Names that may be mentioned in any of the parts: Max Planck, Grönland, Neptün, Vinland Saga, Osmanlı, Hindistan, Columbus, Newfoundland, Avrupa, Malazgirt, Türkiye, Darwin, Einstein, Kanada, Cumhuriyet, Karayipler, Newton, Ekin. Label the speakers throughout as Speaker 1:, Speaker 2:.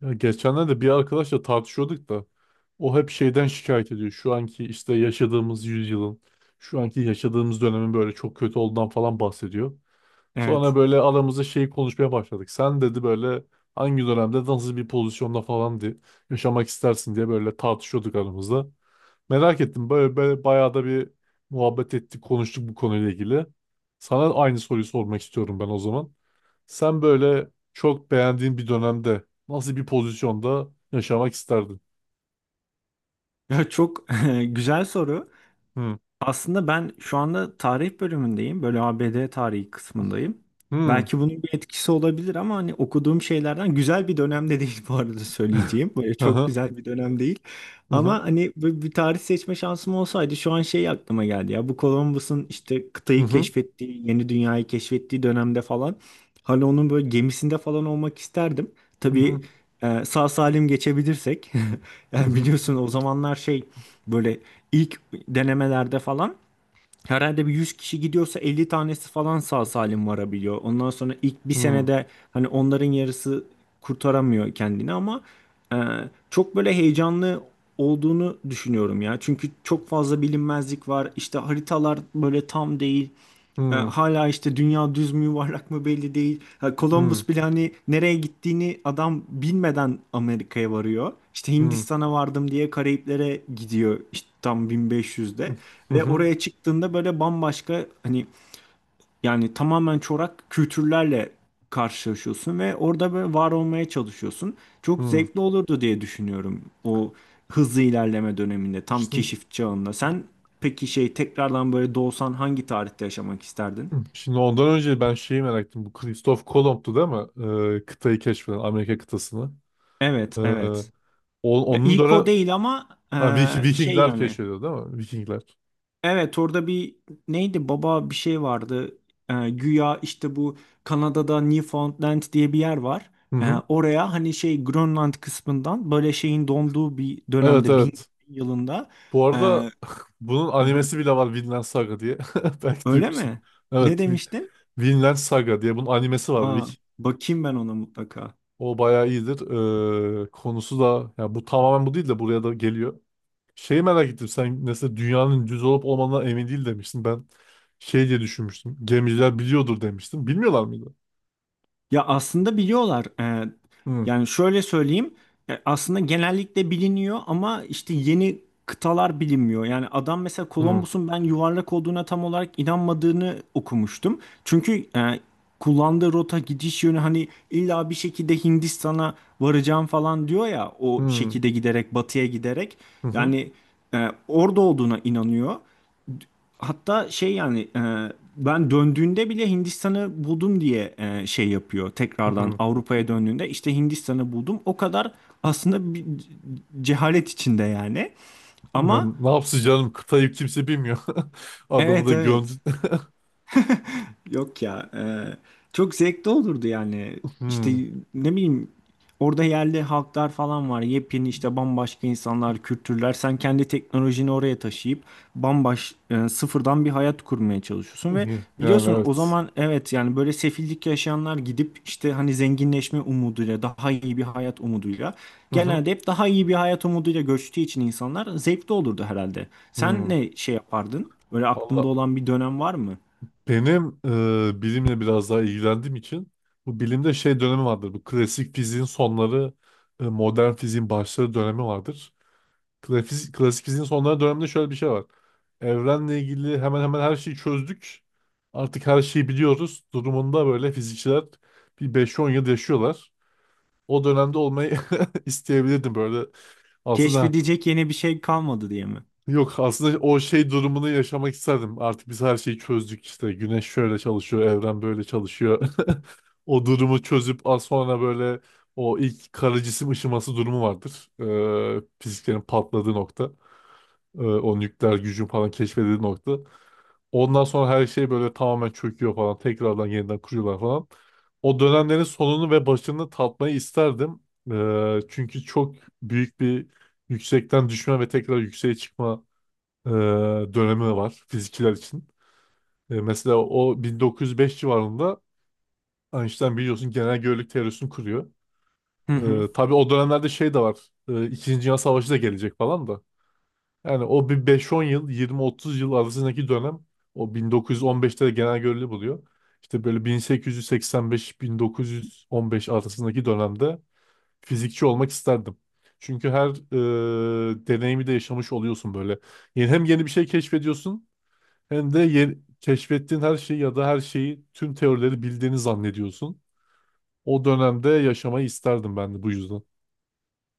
Speaker 1: Ya geçenlerde bir arkadaşla tartışıyorduk da o hep şeyden şikayet ediyor. Şu anki işte yaşadığımız yüzyılın, şu anki yaşadığımız dönemin böyle çok kötü olduğundan falan bahsediyor. Sonra
Speaker 2: Evet.
Speaker 1: böyle aramızda şeyi konuşmaya başladık. Sen dedi böyle hangi dönemde nasıl bir pozisyonda falan diye yaşamak istersin diye böyle tartışıyorduk aramızda. Merak ettim böyle bayağı da bir muhabbet ettik, konuştuk bu konuyla ilgili. Sana aynı soruyu sormak istiyorum ben o zaman. Sen böyle çok beğendiğin bir dönemde nasıl bir pozisyonda yaşamak isterdin?
Speaker 2: Ya çok güzel soru.
Speaker 1: Hı.
Speaker 2: Aslında ben şu anda tarih bölümündeyim. Böyle ABD tarihi kısmındayım.
Speaker 1: Hı.
Speaker 2: Belki bunun bir etkisi olabilir ama hani okuduğum şeylerden güzel bir dönemde değil bu arada söyleyeceğim. Böyle
Speaker 1: Hı
Speaker 2: çok
Speaker 1: hı.
Speaker 2: güzel bir dönem değil.
Speaker 1: Hı hı.
Speaker 2: Ama hani böyle bir tarih seçme şansım olsaydı şu an şey aklıma geldi ya. Bu Columbus'un işte
Speaker 1: Hı
Speaker 2: kıtayı
Speaker 1: hı.
Speaker 2: keşfettiği, yeni dünyayı keşfettiği dönemde falan. Hani onun böyle gemisinde falan olmak isterdim.
Speaker 1: Hı
Speaker 2: Tabii
Speaker 1: hı.
Speaker 2: sağ salim geçebilirsek.
Speaker 1: Hı
Speaker 2: Yani
Speaker 1: hı.
Speaker 2: biliyorsun o zamanlar şey böyle İlk denemelerde falan herhalde bir 100 kişi gidiyorsa 50 tanesi falan sağ salim varabiliyor. Ondan sonra ilk bir
Speaker 1: Hı
Speaker 2: senede hani onların yarısı kurtaramıyor kendini ama e, çok böyle heyecanlı olduğunu düşünüyorum ya. Çünkü çok fazla bilinmezlik var. İşte haritalar böyle tam değil.
Speaker 1: hı.
Speaker 2: Hala işte dünya düz mü yuvarlak mı belli değil. Ha, Columbus bile hani nereye gittiğini adam bilmeden Amerika'ya varıyor. İşte Hindistan'a vardım diye Karayiplere gidiyor işte tam 1500'de
Speaker 1: Hı
Speaker 2: ve
Speaker 1: hı.
Speaker 2: oraya çıktığında böyle bambaşka hani yani tamamen çorak kültürlerle karşılaşıyorsun ve orada böyle var olmaya çalışıyorsun. Çok
Speaker 1: Hı.
Speaker 2: zevkli olurdu diye düşünüyorum o hızlı ilerleme döneminde tam
Speaker 1: Şimdi,
Speaker 2: keşif çağında. Sen peki şey tekrardan böyle doğsan hangi tarihte yaşamak isterdin?
Speaker 1: şimdi, ondan önce ben şeyi merak ettim. Bu Christoph Kolomb'tu değil mi? Kıtayı keşfeden, Amerika kıtasını.
Speaker 2: Evet,
Speaker 1: Ee,
Speaker 2: evet.
Speaker 1: o-
Speaker 2: Ya
Speaker 1: onun
Speaker 2: ilk o
Speaker 1: dönem...
Speaker 2: değil ama
Speaker 1: Ha,
Speaker 2: şey
Speaker 1: Vikingler
Speaker 2: yani.
Speaker 1: keşfediyor değil mi? Vikingler.
Speaker 2: Evet orada bir neydi baba bir şey vardı. Güya işte bu Kanada'da Newfoundland diye bir yer var.
Speaker 1: Hı hı.
Speaker 2: Oraya hani şey Grönland kısmından böyle şeyin donduğu bir
Speaker 1: Evet
Speaker 2: dönemde bin
Speaker 1: evet.
Speaker 2: yılında.
Speaker 1: Bu arada
Speaker 2: Hı
Speaker 1: bunun
Speaker 2: hı.
Speaker 1: animesi bile var Vinland Saga diye. Belki
Speaker 2: Öyle
Speaker 1: duymuşsun.
Speaker 2: mi? Ne
Speaker 1: Evet,
Speaker 2: demiştin?
Speaker 1: Vinland Saga diye bunun animesi var
Speaker 2: Aa,
Speaker 1: Vik.
Speaker 2: bakayım ben ona mutlaka.
Speaker 1: O bayağı iyidir. Konusu da ya bu tamamen bu değil de buraya da geliyor. Şeyi merak ettim. Sen mesela dünyanın düz olup olmadığına emin değil demiştin. Ben şey diye düşünmüştüm. Gemiciler biliyordur demiştim. Bilmiyorlar mıydı?
Speaker 2: Ya aslında biliyorlar.
Speaker 1: Hı
Speaker 2: Yani şöyle söyleyeyim. Aslında genellikle biliniyor ama işte yeni kıtalar bilinmiyor. Yani adam mesela
Speaker 1: hı
Speaker 2: Columbus'un ben yuvarlak olduğuna tam olarak inanmadığını okumuştum. Çünkü kullandığı rota gidiş yönü hani illa bir şekilde Hindistan'a varacağım falan diyor ya, o
Speaker 1: hı
Speaker 2: şekilde giderek batıya giderek.
Speaker 1: hı hı.
Speaker 2: Yani orada olduğuna inanıyor. Hatta şey yani ben döndüğünde bile Hindistan'ı buldum diye şey yapıyor. Tekrardan
Speaker 1: Hı.
Speaker 2: Avrupa'ya döndüğünde işte Hindistan'ı buldum. O kadar aslında bir cehalet içinde yani. Ama
Speaker 1: Yani ne yapsın canım kıtayı kimse bilmiyor. Adamı
Speaker 2: evet
Speaker 1: da gömdü.
Speaker 2: evet. Yok ya. Çok zevkli olurdu yani. İşte
Speaker 1: Hı.
Speaker 2: ne bileyim orada yerli halklar falan var. Yepyeni işte bambaşka insanlar, kültürler. Sen kendi teknolojini oraya taşıyıp sıfırdan bir hayat kurmaya çalışıyorsun ve
Speaker 1: Yani
Speaker 2: biliyorsun o
Speaker 1: evet.
Speaker 2: zaman evet yani böyle sefillik yaşayanlar gidip işte hani zenginleşme umuduyla, daha iyi bir hayat umuduyla,
Speaker 1: Hı hı.
Speaker 2: genelde hep daha iyi bir hayat umuduyla göçtüğü için insanlar zevkli olurdu herhalde. Sen
Speaker 1: Hmm.
Speaker 2: ne şey yapardın? Böyle aklında
Speaker 1: Valla,
Speaker 2: olan bir dönem var mı?
Speaker 1: benim bilimle biraz daha ilgilendiğim için bu bilimde şey dönemi vardır. Bu klasik fiziğin sonları, modern fiziğin başları dönemi vardır. Klasik fiziğin sonları döneminde şöyle bir şey var. Evrenle ilgili hemen hemen her şeyi çözdük. Artık her şeyi biliyoruz. Durumunda böyle fizikçiler bir beş on yıl yaşıyorlar. O dönemde olmayı isteyebilirdim böyle. Aslında.
Speaker 2: Keşfedecek yeni bir şey kalmadı diye mi?
Speaker 1: Yok, aslında o şey durumunu yaşamak isterdim. Artık biz her şeyi çözdük işte. Güneş şöyle çalışıyor, evren böyle çalışıyor. O durumu çözüp az sonra böyle o ilk kara cisim ışıması durumu vardır. Fiziklerin patladığı nokta. O nükleer gücün falan keşfedildiği nokta. Ondan sonra her şey böyle tamamen çöküyor falan. Tekrardan yeniden kuruyorlar falan. O dönemlerin sonunu ve başını tatmayı isterdim. Çünkü çok büyük bir yüksekten düşme ve tekrar yükseğe çıkma e, dönemi var fizikçiler için. Mesela o 1905 civarında Einstein biliyorsun genel görelilik teorisini kuruyor.
Speaker 2: Hı hı.
Speaker 1: Tabii o dönemlerde şey de var. İkinci Dünya Savaşı da gelecek falan da. Yani o bir beş on yıl, 20-30 yıl arasındaki dönem o 1915'te de genel görelilik buluyor. İşte böyle 1885-1915 arasındaki dönemde fizikçi olmak isterdim. Çünkü her deneyimi de yaşamış oluyorsun böyle. Yani hem yeni bir şey keşfediyorsun hem de yeni, keşfettiğin her şeyi ya da her şeyi tüm teorileri bildiğini zannediyorsun. O dönemde yaşamayı isterdim ben de bu yüzden.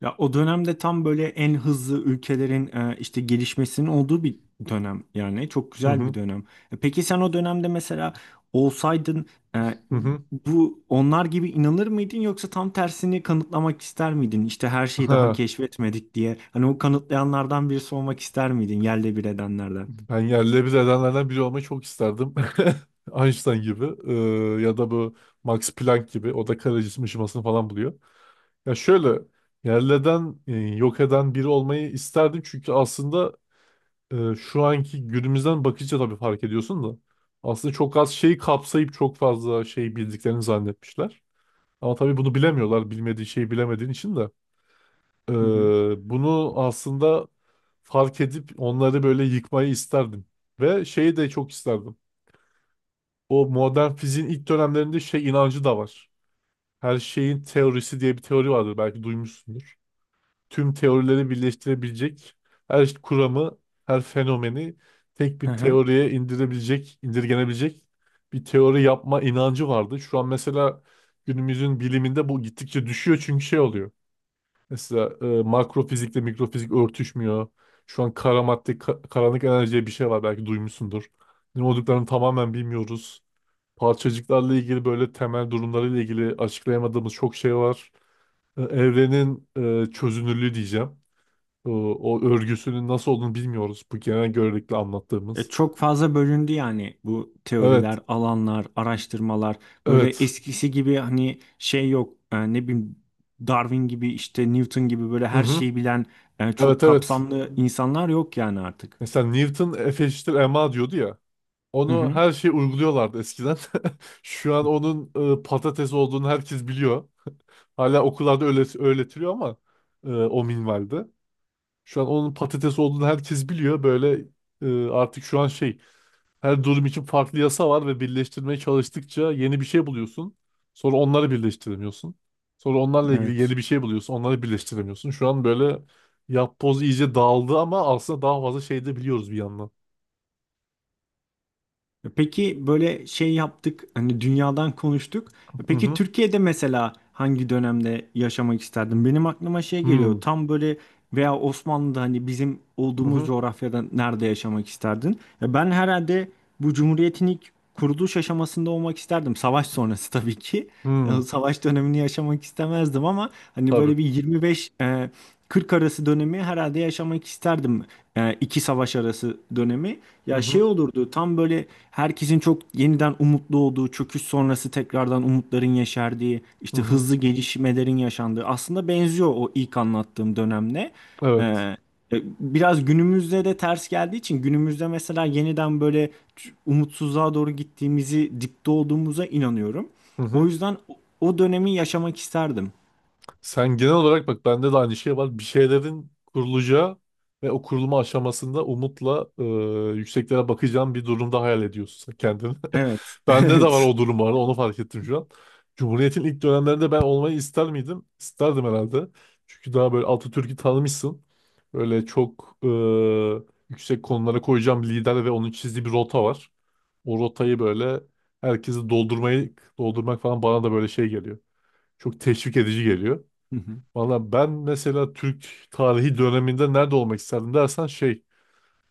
Speaker 2: Ya o dönemde tam böyle en hızlı ülkelerin işte gelişmesinin olduğu bir dönem yani, çok
Speaker 1: Hı
Speaker 2: güzel
Speaker 1: hı.
Speaker 2: bir dönem. Peki sen o dönemde mesela olsaydın e,
Speaker 1: Hı hı.
Speaker 2: bu onlar gibi inanır mıydın yoksa tam tersini kanıtlamak ister miydin? İşte her şeyi daha
Speaker 1: Ha.
Speaker 2: keşfetmedik diye. Hani o kanıtlayanlardan birisi olmak ister miydin? Yerle bir edenlerden.
Speaker 1: Ben yerle bir edenlerden biri olmayı çok isterdim. Einstein gibi ya da bu Max Planck gibi o da kara cisim ışımasını falan buluyor. Ya şöyle yerle eden, yok eden biri olmayı isterdim çünkü aslında şu anki günümüzden bakınca tabii fark ediyorsun da aslında çok az şeyi kapsayıp çok fazla şey bildiklerini zannetmişler. Ama tabii bunu bilemiyorlar. Bilmediği şeyi bilemediğin için de. Ee,
Speaker 2: Hı hı.
Speaker 1: bunu aslında fark edip onları böyle yıkmayı isterdim. Ve şeyi de çok isterdim. O modern fiziğin ilk dönemlerinde şey inancı da var. Her şeyin teorisi diye bir teori vardır. Belki duymuşsundur. Tüm teorileri birleştirebilecek, her kuramı, her fenomeni tek
Speaker 2: Hı
Speaker 1: bir
Speaker 2: hı.
Speaker 1: teoriye indirebilecek, indirgenebilecek bir teori yapma inancı vardı. Şu an mesela günümüzün biliminde bu gittikçe düşüyor çünkü şey oluyor. Mesela makro fizikle mikrofizik örtüşmüyor. Şu an kara madde, karanlık enerji diye bir şey var belki duymuşsundur. Ne olduklarını tamamen bilmiyoruz. Parçacıklarla ilgili böyle temel durumlarıyla ilgili açıklayamadığımız çok şey var. Evrenin çözünürlüğü diyeceğim. O örgüsünün nasıl olduğunu bilmiyoruz. Bu genel görelilikle anlattığımız.
Speaker 2: Çok fazla bölündü yani bu
Speaker 1: Evet,
Speaker 2: teoriler, alanlar, araştırmalar. Böyle
Speaker 1: evet.
Speaker 2: eskisi gibi hani şey yok. Ne bileyim Darwin gibi işte Newton gibi böyle
Speaker 1: Hı
Speaker 2: her
Speaker 1: hı.
Speaker 2: şeyi bilen çok
Speaker 1: Evet, evet.
Speaker 2: kapsamlı insanlar yok yani artık.
Speaker 1: Mesela Newton F eşittir ma diyordu ya.
Speaker 2: Hı
Speaker 1: Onu
Speaker 2: hı.
Speaker 1: her şey uyguluyorlardı eskiden. Şu an onun patates olduğunu herkes biliyor. Hala okullarda öyle öğretiliyor ama o minvalde. Şu an onun patates olduğunu herkes biliyor. Böyle artık şu an şey her durum için farklı yasa var ve birleştirmeye çalıştıkça yeni bir şey buluyorsun. Sonra onları birleştiremiyorsun. Sonra onlarla ilgili yeni
Speaker 2: Evet.
Speaker 1: bir şey buluyorsun. Onları birleştiremiyorsun. Şu an böyle yapboz iyice dağıldı ama aslında daha fazla şey de biliyoruz bir yandan.
Speaker 2: Peki böyle şey yaptık hani, dünyadan konuştuk.
Speaker 1: Hı
Speaker 2: Peki
Speaker 1: hı.
Speaker 2: Türkiye'de mesela hangi dönemde yaşamak isterdin? Benim aklıma şey geliyor
Speaker 1: Hı
Speaker 2: tam böyle, veya Osmanlı'da hani bizim olduğumuz
Speaker 1: hı.
Speaker 2: coğrafyada nerede yaşamak isterdin? Ya ben herhalde bu Cumhuriyet'in ilk kuruluş aşamasında olmak isterdim. Savaş sonrası tabii ki.
Speaker 1: Hı.
Speaker 2: Savaş dönemini yaşamak istemezdim ama hani
Speaker 1: Tabii.
Speaker 2: böyle bir 25, 40 arası dönemi herhalde yaşamak isterdim. İki savaş arası dönemi.
Speaker 1: Hı
Speaker 2: Ya
Speaker 1: hı,
Speaker 2: şey olurdu tam böyle herkesin çok yeniden umutlu olduğu, çöküş sonrası tekrardan umutların yeşerdiği,
Speaker 1: hı
Speaker 2: işte
Speaker 1: hı.
Speaker 2: hızlı gelişmelerin yaşandığı, aslında benziyor o ilk anlattığım dönemle. Ee,
Speaker 1: Evet.
Speaker 2: e, Biraz günümüzde de ters geldiği için, günümüzde mesela yeniden böyle umutsuzluğa doğru gittiğimizi, dipte olduğumuza inanıyorum.
Speaker 1: Hı
Speaker 2: O
Speaker 1: hı.
Speaker 2: yüzden o dönemi yaşamak isterdim.
Speaker 1: Sen genel olarak bak bende de aynı şey var. Bir şeylerin kurulacağı ve o kurulma aşamasında umutla yükseklere bakacağın bir durumda hayal ediyorsun sen kendini.
Speaker 2: Evet,
Speaker 1: Bende de var
Speaker 2: evet.
Speaker 1: o durum var. Onu fark ettim şu an. Cumhuriyet'in ilk dönemlerinde ben olmayı ister miydim? İsterdim herhalde. Çünkü daha böyle Atatürk'ü tanımışsın. Böyle çok yüksek konulara koyacağım lider ve onun çizdiği bir rota var. O rotayı böyle herkesi doldurmak falan bana da böyle şey geliyor. Çok teşvik edici geliyor.
Speaker 2: Hı hı.
Speaker 1: Valla ben mesela Türk tarihi döneminde nerede olmak isterdim dersen şey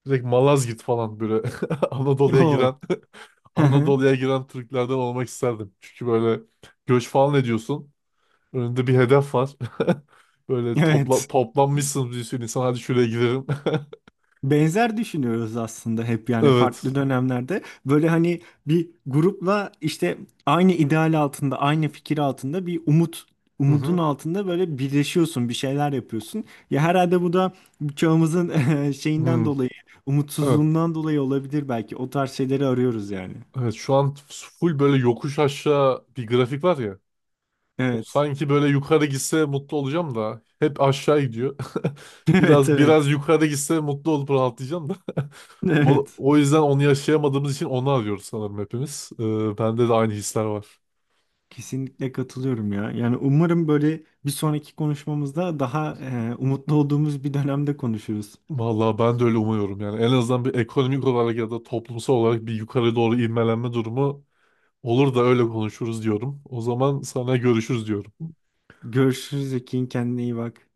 Speaker 1: direkt Malazgirt falan böyle Anadolu'ya
Speaker 2: O.
Speaker 1: giren
Speaker 2: Hı hı.
Speaker 1: Anadolu'ya giren Türklerden olmak isterdim. Çünkü böyle göç falan ediyorsun. Önünde bir hedef var. Böyle
Speaker 2: Evet.
Speaker 1: toplanmışsınız bir sürü insan hadi şuraya gidelim.
Speaker 2: Benzer düşünüyoruz aslında, hep yani farklı
Speaker 1: Evet.
Speaker 2: dönemlerde böyle hani bir grupla işte aynı ideal altında, aynı fikir altında, bir umut
Speaker 1: Hı
Speaker 2: umudun
Speaker 1: hı.
Speaker 2: altında böyle birleşiyorsun, bir şeyler yapıyorsun. Ya herhalde bu da çağımızın şeyinden
Speaker 1: Hmm.
Speaker 2: dolayı,
Speaker 1: Evet.
Speaker 2: umutsuzluğundan dolayı olabilir, belki o tarz şeyleri arıyoruz yani.
Speaker 1: Evet şu an full böyle yokuş aşağı bir grafik var ya. O
Speaker 2: Evet.
Speaker 1: sanki böyle yukarı gitse mutlu olacağım da hep aşağı gidiyor.
Speaker 2: Evet
Speaker 1: Biraz biraz
Speaker 2: evet.
Speaker 1: yukarı gitse mutlu olup rahatlayacağım da. O,
Speaker 2: Evet.
Speaker 1: o yüzden onu yaşayamadığımız için onu arıyoruz sanırım hepimiz. Bende de aynı hisler var.
Speaker 2: Kesinlikle katılıyorum ya. Yani umarım böyle bir sonraki konuşmamızda daha umutlu olduğumuz bir dönemde konuşuruz.
Speaker 1: Vallahi ben de öyle umuyorum yani. En azından bir ekonomik olarak ya da toplumsal olarak bir yukarı doğru ivmelenme durumu olur da öyle konuşuruz diyorum. O zaman sana görüşürüz diyorum.
Speaker 2: Görüşürüz Ekin, kendine iyi bak.